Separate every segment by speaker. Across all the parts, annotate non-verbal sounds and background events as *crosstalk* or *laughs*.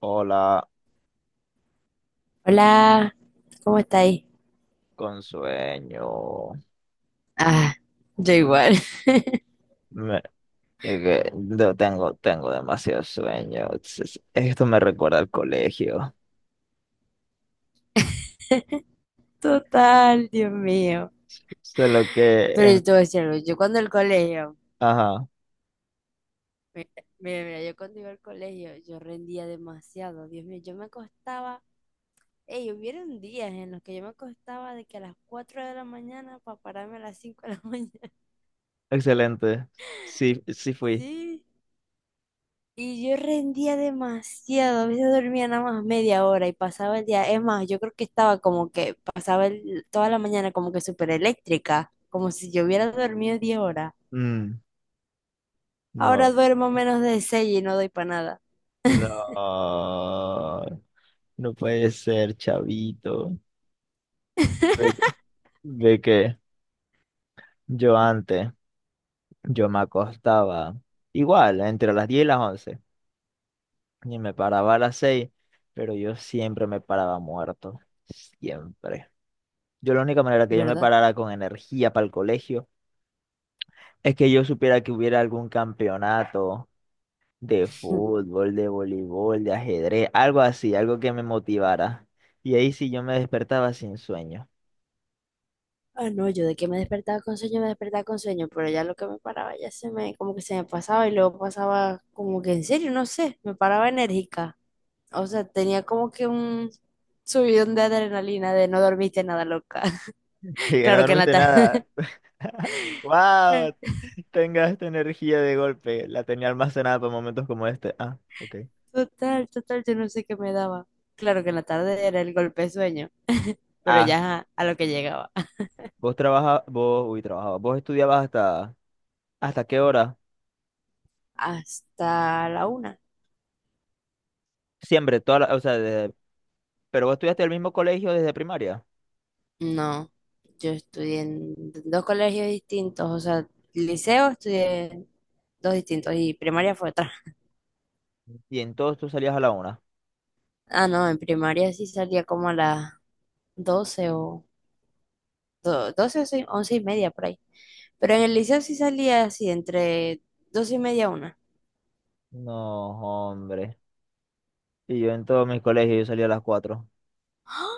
Speaker 1: Hola,
Speaker 2: Hola, ¿cómo estáis?
Speaker 1: con sueño.
Speaker 2: Ah, yo igual. *laughs*
Speaker 1: Me- es que no tengo, tengo demasiado sueño. Esto me recuerda al colegio.
Speaker 2: Total, Dios mío.
Speaker 1: Solo que
Speaker 2: Pero yo
Speaker 1: en...
Speaker 2: te voy a decir algo, yo cuando el colegio,
Speaker 1: Ajá,
Speaker 2: mira, mira, mira, yo cuando iba al colegio, yo rendía demasiado, Dios mío, yo me acostaba, ey, hubieron días en los que yo me acostaba de que a las 4 de la mañana para pararme a las 5 de la mañana. *laughs*
Speaker 1: excelente. Sí, sí fui.
Speaker 2: Sí, y yo rendía demasiado, a veces dormía nada más media hora y pasaba el día. Es más, yo creo que estaba como que toda la mañana como que súper eléctrica, como si yo hubiera dormido 10 horas.
Speaker 1: Mm,
Speaker 2: Ahora
Speaker 1: no,
Speaker 2: duermo menos de 6 y no doy para nada,
Speaker 1: no. No puede ser, chavito. Ve, ve que yo antes, yo me acostaba igual, entre las 10 y las 11, y me paraba a las 6, pero yo siempre me paraba muerto, siempre. Yo, la única manera que yo me
Speaker 2: ¿verdad?
Speaker 1: parara con energía para el colegio, es que yo supiera que hubiera algún campeonato de
Speaker 2: *laughs*
Speaker 1: fútbol, de voleibol, de ajedrez, algo así, algo que me motivara. Y ahí sí yo me despertaba sin sueño. *laughs*
Speaker 2: Ah, no, yo de que me despertaba con sueño, me despertaba con sueño, pero ya lo que me paraba ya se me, como que se me pasaba y luego pasaba como que en serio, no sé, me paraba enérgica. O sea, tenía como que un subidón de adrenalina de no dormiste nada loca.
Speaker 1: Y
Speaker 2: *laughs*
Speaker 1: que no
Speaker 2: Claro que en la
Speaker 1: dormiste nada. *laughs*
Speaker 2: total,
Speaker 1: ¡Wow! Tenga esta energía de golpe. La tenía almacenada para momentos como este. Ah, ok.
Speaker 2: total, total, yo no sé qué me daba. Claro que en la tarde era el golpe de sueño, pero ya
Speaker 1: Ah,
Speaker 2: ajá, a lo que llegaba.
Speaker 1: vos trabajabas, vos, uy, trabajabas, vos estudiabas hasta... ¿Hasta qué hora?
Speaker 2: Hasta la una.
Speaker 1: Siempre, o sea, pero vos estudiaste en el mismo colegio desde primaria,
Speaker 2: No, yo estudié en dos colegios distintos, o sea, liceo estudié en dos distintos y primaria fue otra.
Speaker 1: y en todos tú salías a la 1.
Speaker 2: Ah, no, en primaria sí salía como a las 12 o 12 o sí, 11 y media por ahí. Pero en el liceo sí salía así, entre 12 y media a una.
Speaker 1: No, hombre. Y yo en todos mis colegios yo salía a las 4.
Speaker 2: ¡Ah!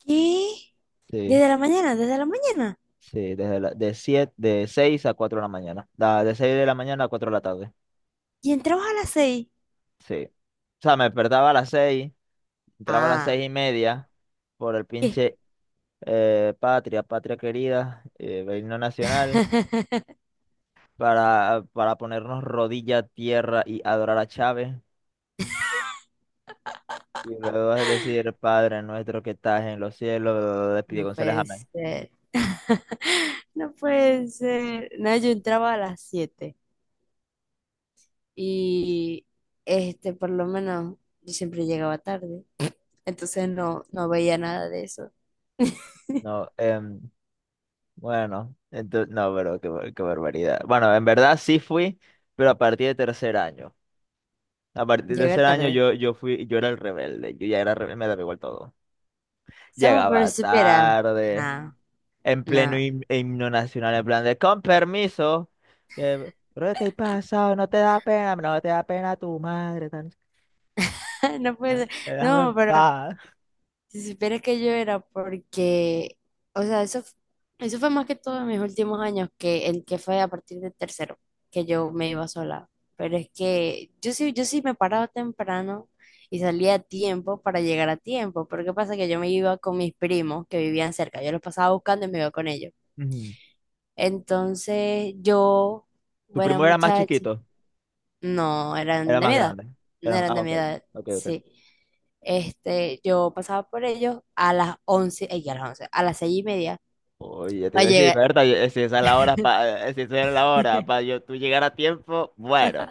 Speaker 2: ¿Qué?
Speaker 1: Sí,
Speaker 2: ¿Desde la mañana? ¿Desde la mañana?
Speaker 1: sí, de siete, de 6 a 4 de la mañana. Da, de 6 de la mañana a 4 de la tarde.
Speaker 2: ¿Y entrabas a las seis?
Speaker 1: Sí. O sea, me despertaba a las 6, entraba a las
Speaker 2: Ah,
Speaker 1: seis y media por el
Speaker 2: ¿qué?
Speaker 1: pinche Patria, Patria querida, el himno nacional,
Speaker 2: *laughs*
Speaker 1: para ponernos rodilla a tierra y adorar a Chávez. Y luego vas a decir, Padre nuestro que estás en los cielos, bla, bla, bla, de Pidi
Speaker 2: No
Speaker 1: González,
Speaker 2: puede
Speaker 1: amén.
Speaker 2: ser, no puede ser. No, yo entraba a las siete y por lo menos, yo siempre llegaba tarde, entonces no, no veía nada de eso. *laughs*
Speaker 1: No, bueno, entonces, no, pero qué, qué barbaridad. Bueno, en verdad sí fui, pero a partir de tercer año. A partir del
Speaker 2: Llegar
Speaker 1: tercer año
Speaker 2: tarde.
Speaker 1: yo fui, yo era el rebelde, yo ya era rebelde, me daba igual todo.
Speaker 2: Estamos pero
Speaker 1: Llegaba
Speaker 2: supera.
Speaker 1: tarde,
Speaker 2: No,
Speaker 1: en pleno
Speaker 2: no,
Speaker 1: himno nacional, en plan de, con permiso, pero te he pasado, no te da pena, no te da pena tu madre,
Speaker 2: *laughs* no puede ser.
Speaker 1: déjame
Speaker 2: No,
Speaker 1: en
Speaker 2: pero
Speaker 1: paz.
Speaker 2: si supiera que yo era porque, o sea, eso fue más que todo en mis últimos años, que el que fue a partir de tercero, que yo me iba sola. Pero es que yo sí, yo sí me paraba temprano y salía a tiempo para llegar a tiempo. Pero ¿qué pasa? Que yo me iba con mis primos que vivían cerca. Yo los pasaba buscando y me iba con ellos.
Speaker 1: Ujú.
Speaker 2: Entonces yo,
Speaker 1: Tu
Speaker 2: buena
Speaker 1: primo era más
Speaker 2: muchacha,
Speaker 1: chiquito.
Speaker 2: no, eran
Speaker 1: Era
Speaker 2: de
Speaker 1: más
Speaker 2: mi edad.
Speaker 1: grande.
Speaker 2: No eran
Speaker 1: Ah,
Speaker 2: de
Speaker 1: ok.
Speaker 2: mi edad,
Speaker 1: Ok, ok.
Speaker 2: sí. Yo pasaba por ellos a las 11, ella a las 11, a las 6 y media
Speaker 1: Oye, te iba
Speaker 2: para
Speaker 1: a decir,
Speaker 2: llegar.
Speaker 1: Berta, si esa es la hora, si esa es la hora, para
Speaker 2: *laughs*
Speaker 1: yo, tú llegar a tiempo, bueno.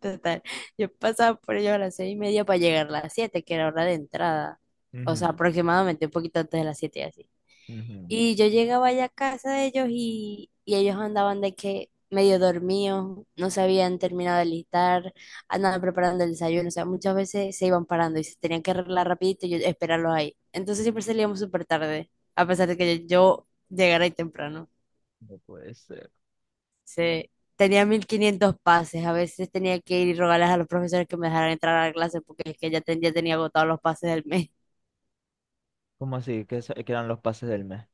Speaker 2: Total, yo pasaba por ellos a las 6 y media para llegar a las 7, que era hora de entrada. O sea,
Speaker 1: Ujú,
Speaker 2: aproximadamente un poquito antes de las 7 así.
Speaker 1: ujú.
Speaker 2: Y yo llegaba allá a casa de ellos y ellos andaban de que medio dormidos, no se habían terminado de listar, andaban preparando el desayuno, o sea, muchas veces se iban parando y se tenían que arreglar rapidito y yo esperarlos ahí. Entonces siempre salíamos súper tarde, a pesar de que yo llegara ahí temprano.
Speaker 1: No puede ser.
Speaker 2: Se, tenía 1500 pases, a veces tenía que ir y rogarles a los profesores que me dejaran entrar a la clase porque es que ya tenía agotados los pases del mes.
Speaker 1: ¿Cómo así? ¿Qué, qué eran los pases del mes?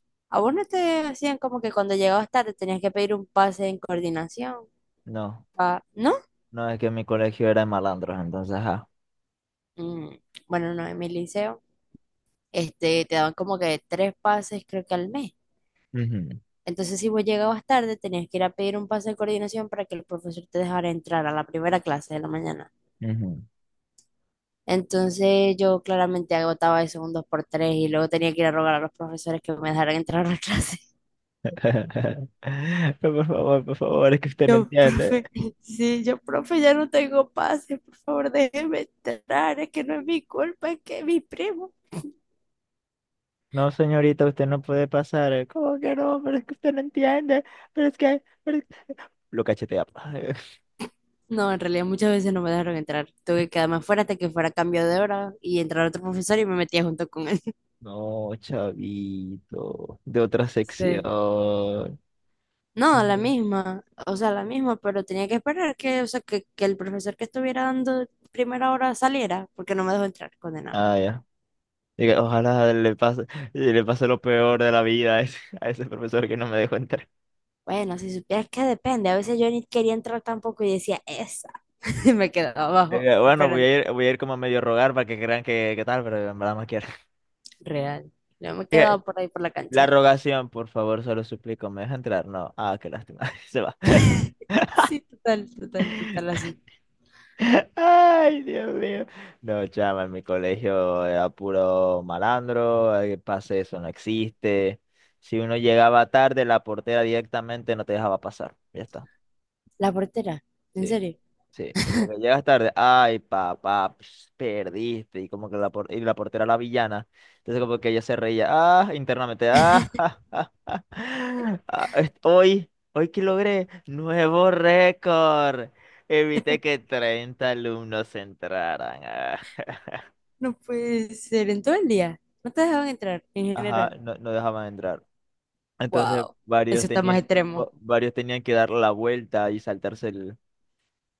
Speaker 2: *laughs* ¿A vos no te hacían como que cuando llegabas tarde tenías que pedir un pase en coordinación?
Speaker 1: No,
Speaker 2: Ah, ¿no?
Speaker 1: no, es que mi colegio era de malandros, entonces, ajá.
Speaker 2: Mm, bueno, no, en mi liceo, te daban como que tres pases, creo que al mes.
Speaker 1: Ujú,
Speaker 2: Entonces, si vos llegabas tarde, tenías que ir a pedir un pase de coordinación para que el profesor te dejara entrar a la primera clase de la mañana.
Speaker 1: ujú.
Speaker 2: Entonces, yo claramente agotaba eso un dos por tres y luego tenía que ir a rogar a los profesores que me dejaran entrar a la clase. *laughs*
Speaker 1: *laughs* Por favor, es que usted no
Speaker 2: Yo,
Speaker 1: entiende.
Speaker 2: profe, sí, yo, profe, ya no tengo pase, por favor, déjeme entrar, es que no es mi culpa, es que es mi primo.
Speaker 1: No, señorita, usted no puede pasar. ¿Cómo que no? Pero es que usted no entiende. Pero es que... pero es- Lo cachetea. *laughs* Pa.
Speaker 2: No, en realidad muchas veces no me dejaron entrar. Tuve que quedarme afuera hasta que fuera cambio de hora y entrar otro profesor y me metía junto con él. *laughs*
Speaker 1: No, chavito, de otra sección.
Speaker 2: Sí. No, la
Speaker 1: Ya.
Speaker 2: misma, o sea, la misma, pero tenía que esperar que, o sea, que el profesor que estuviera dando primera hora saliera, porque no me dejó entrar, condenado.
Speaker 1: Ah, ya. Diga, ojalá le pase lo peor de la vida a a ese profesor que no me dejó entrar.
Speaker 2: Bueno, si supieras que depende, a veces yo ni quería entrar tampoco y decía, esa, *laughs* y me quedaba abajo,
Speaker 1: Diga, bueno,
Speaker 2: esperando,
Speaker 1: voy a ir como a medio rogar para que crean que tal, pero en verdad no quiero.
Speaker 2: real. Yo me
Speaker 1: Diga,
Speaker 2: quedaba por ahí por la
Speaker 1: la
Speaker 2: cancha.
Speaker 1: rogación, por favor, se lo suplico, ¿me deja entrar? No. Ah, qué lástima. *laughs* Se va.
Speaker 2: Sí, total, total, total, así.
Speaker 1: Ay, Dios mío. No, chama, en mi colegio era puro malandro, el pase eso no existe. Si uno llegaba tarde, la portera directamente no te dejaba pasar. Ya está.
Speaker 2: La portera, en
Speaker 1: Sí.
Speaker 2: serio.
Speaker 1: Sí, como que llegas tarde, ay papá, ps, perdiste, y como que y la portera, la villana, entonces como que ella se reía, ah, internamente, ah, *laughs* ja, ja, ja, ah, hoy, hoy que logré, nuevo récord, evité que 30 alumnos entraran, ah.
Speaker 2: No puede ser, en todo el día. No te dejaban entrar en
Speaker 1: Ajá,
Speaker 2: general.
Speaker 1: no, no dejaban entrar, entonces
Speaker 2: Wow, eso está más extremo.
Speaker 1: varios tenían que dar la vuelta y saltarse el,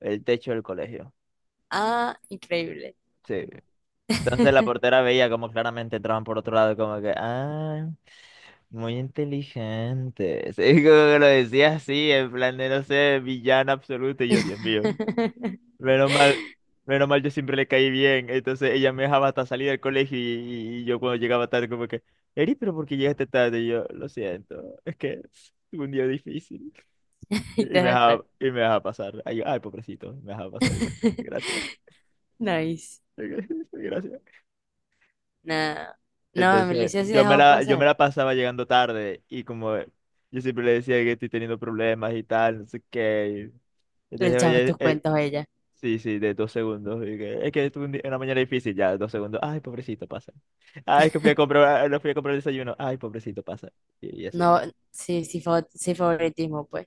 Speaker 1: el techo del colegio,
Speaker 2: Ah, increíble.
Speaker 1: sí. Entonces la
Speaker 2: *laughs*
Speaker 1: portera veía como claramente entraban por otro lado, como que, ah, muy inteligente. Sí, *laughs* como que lo decía así, en plan de, no sé, villana absoluto. Y yo, Dios mío, menos mal, menos mal yo siempre le caí bien. Entonces ella me dejaba hasta salir del colegio, y yo cuando llegaba tarde, como que, Eri, pero ¿por qué llegaste tarde? Y yo, lo siento, es que tuve un día difícil. Y
Speaker 2: Y te
Speaker 1: y me
Speaker 2: dejaban entrar.
Speaker 1: dejaba, y me dejaba pasar. Ay, yo, ay, pobrecito, me dejaba pasar. Y yo,
Speaker 2: *laughs*
Speaker 1: gracias,
Speaker 2: Nice.
Speaker 1: *laughs* gracias.
Speaker 2: Nada. No, en
Speaker 1: Entonces,
Speaker 2: Belice sí dejaban
Speaker 1: yo me
Speaker 2: pasar.
Speaker 1: la pasaba llegando tarde, y como yo siempre le decía que estoy teniendo problemas y tal, no sé qué. Y
Speaker 2: Le
Speaker 1: entonces,
Speaker 2: echaba
Speaker 1: oye,
Speaker 2: tus cuentos a ella.
Speaker 1: sí, sí, de 2 segundos. Y que, es que tuve una mañana difícil, ya, 2 segundos. Ay, pobrecito, pasa. Ay, es que fui a comprar, no fui a comprar el desayuno. Ay, pobrecito, pasa. Y
Speaker 2: No,
Speaker 1: así.
Speaker 2: sí, sí, sí, favoritismo, pues.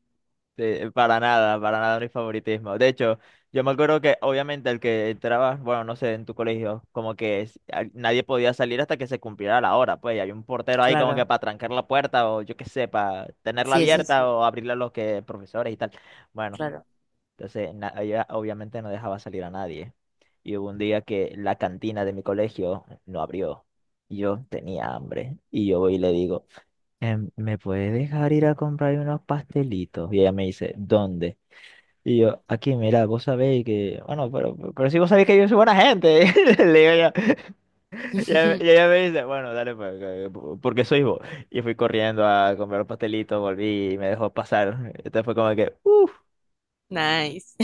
Speaker 1: Sí, para nada mi favoritismo. De hecho, yo me acuerdo que obviamente el que entraba, bueno, no sé, en tu colegio, como que nadie podía salir hasta que se cumpliera la hora, pues, y había un portero ahí como que
Speaker 2: Claro.
Speaker 1: para trancar la puerta o yo qué sé, para tenerla
Speaker 2: Sí, eso
Speaker 1: abierta
Speaker 2: sí,
Speaker 1: o abrirla a los que profesores y tal. Bueno,
Speaker 2: claro.
Speaker 1: entonces ella obviamente no dejaba salir a nadie. Y hubo un día que la cantina de mi colegio no abrió y yo tenía hambre y yo voy y le digo, ¿me puedes dejar ir a comprar unos pastelitos? Y ella me dice, ¿dónde? Y yo, aquí, mira, vos sabéis que, bueno, pero si vos sabéis que yo soy buena gente, *laughs* le digo yo, y
Speaker 2: *laughs*
Speaker 1: ella me dice, bueno, dale, pues, porque sois vos. Y fui corriendo a comprar los pastelitos, volví y me dejó pasar. Entonces fue como que, uff,
Speaker 2: Nice.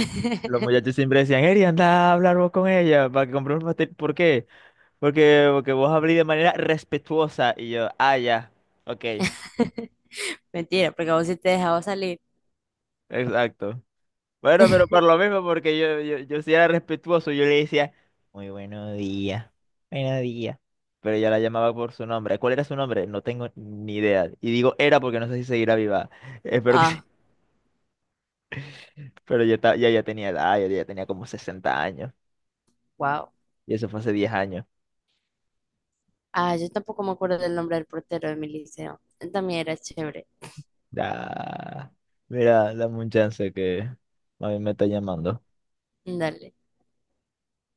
Speaker 1: los muchachos siempre decían, Eri, anda a hablar vos con ella para que compre un pastel. ¿Por qué? Porque vos hablís de manera respetuosa. Y yo, ah, ya, ok,
Speaker 2: *laughs* Mentira, porque a vos sí te dejaba salir.
Speaker 1: exacto. Bueno, pero por lo
Speaker 2: *laughs*
Speaker 1: mismo, porque yo sí era respetuoso, yo le decía, muy buenos días, buenos días. Pero ella la llamaba por su nombre. ¿Cuál era su nombre? No tengo ni idea. Y digo era porque no sé si seguirá viva. *laughs* Espero que sí.
Speaker 2: Ah,
Speaker 1: Pero ya, ya, ya tenía edad, ya, ya tenía como 60 años.
Speaker 2: wow.
Speaker 1: Y eso fue hace 10 años.
Speaker 2: Ah, yo tampoco me acuerdo del nombre del portero de mi liceo. También era chévere.
Speaker 1: Da. Mira, dame un chance que a mí me está llamando.
Speaker 2: Dale.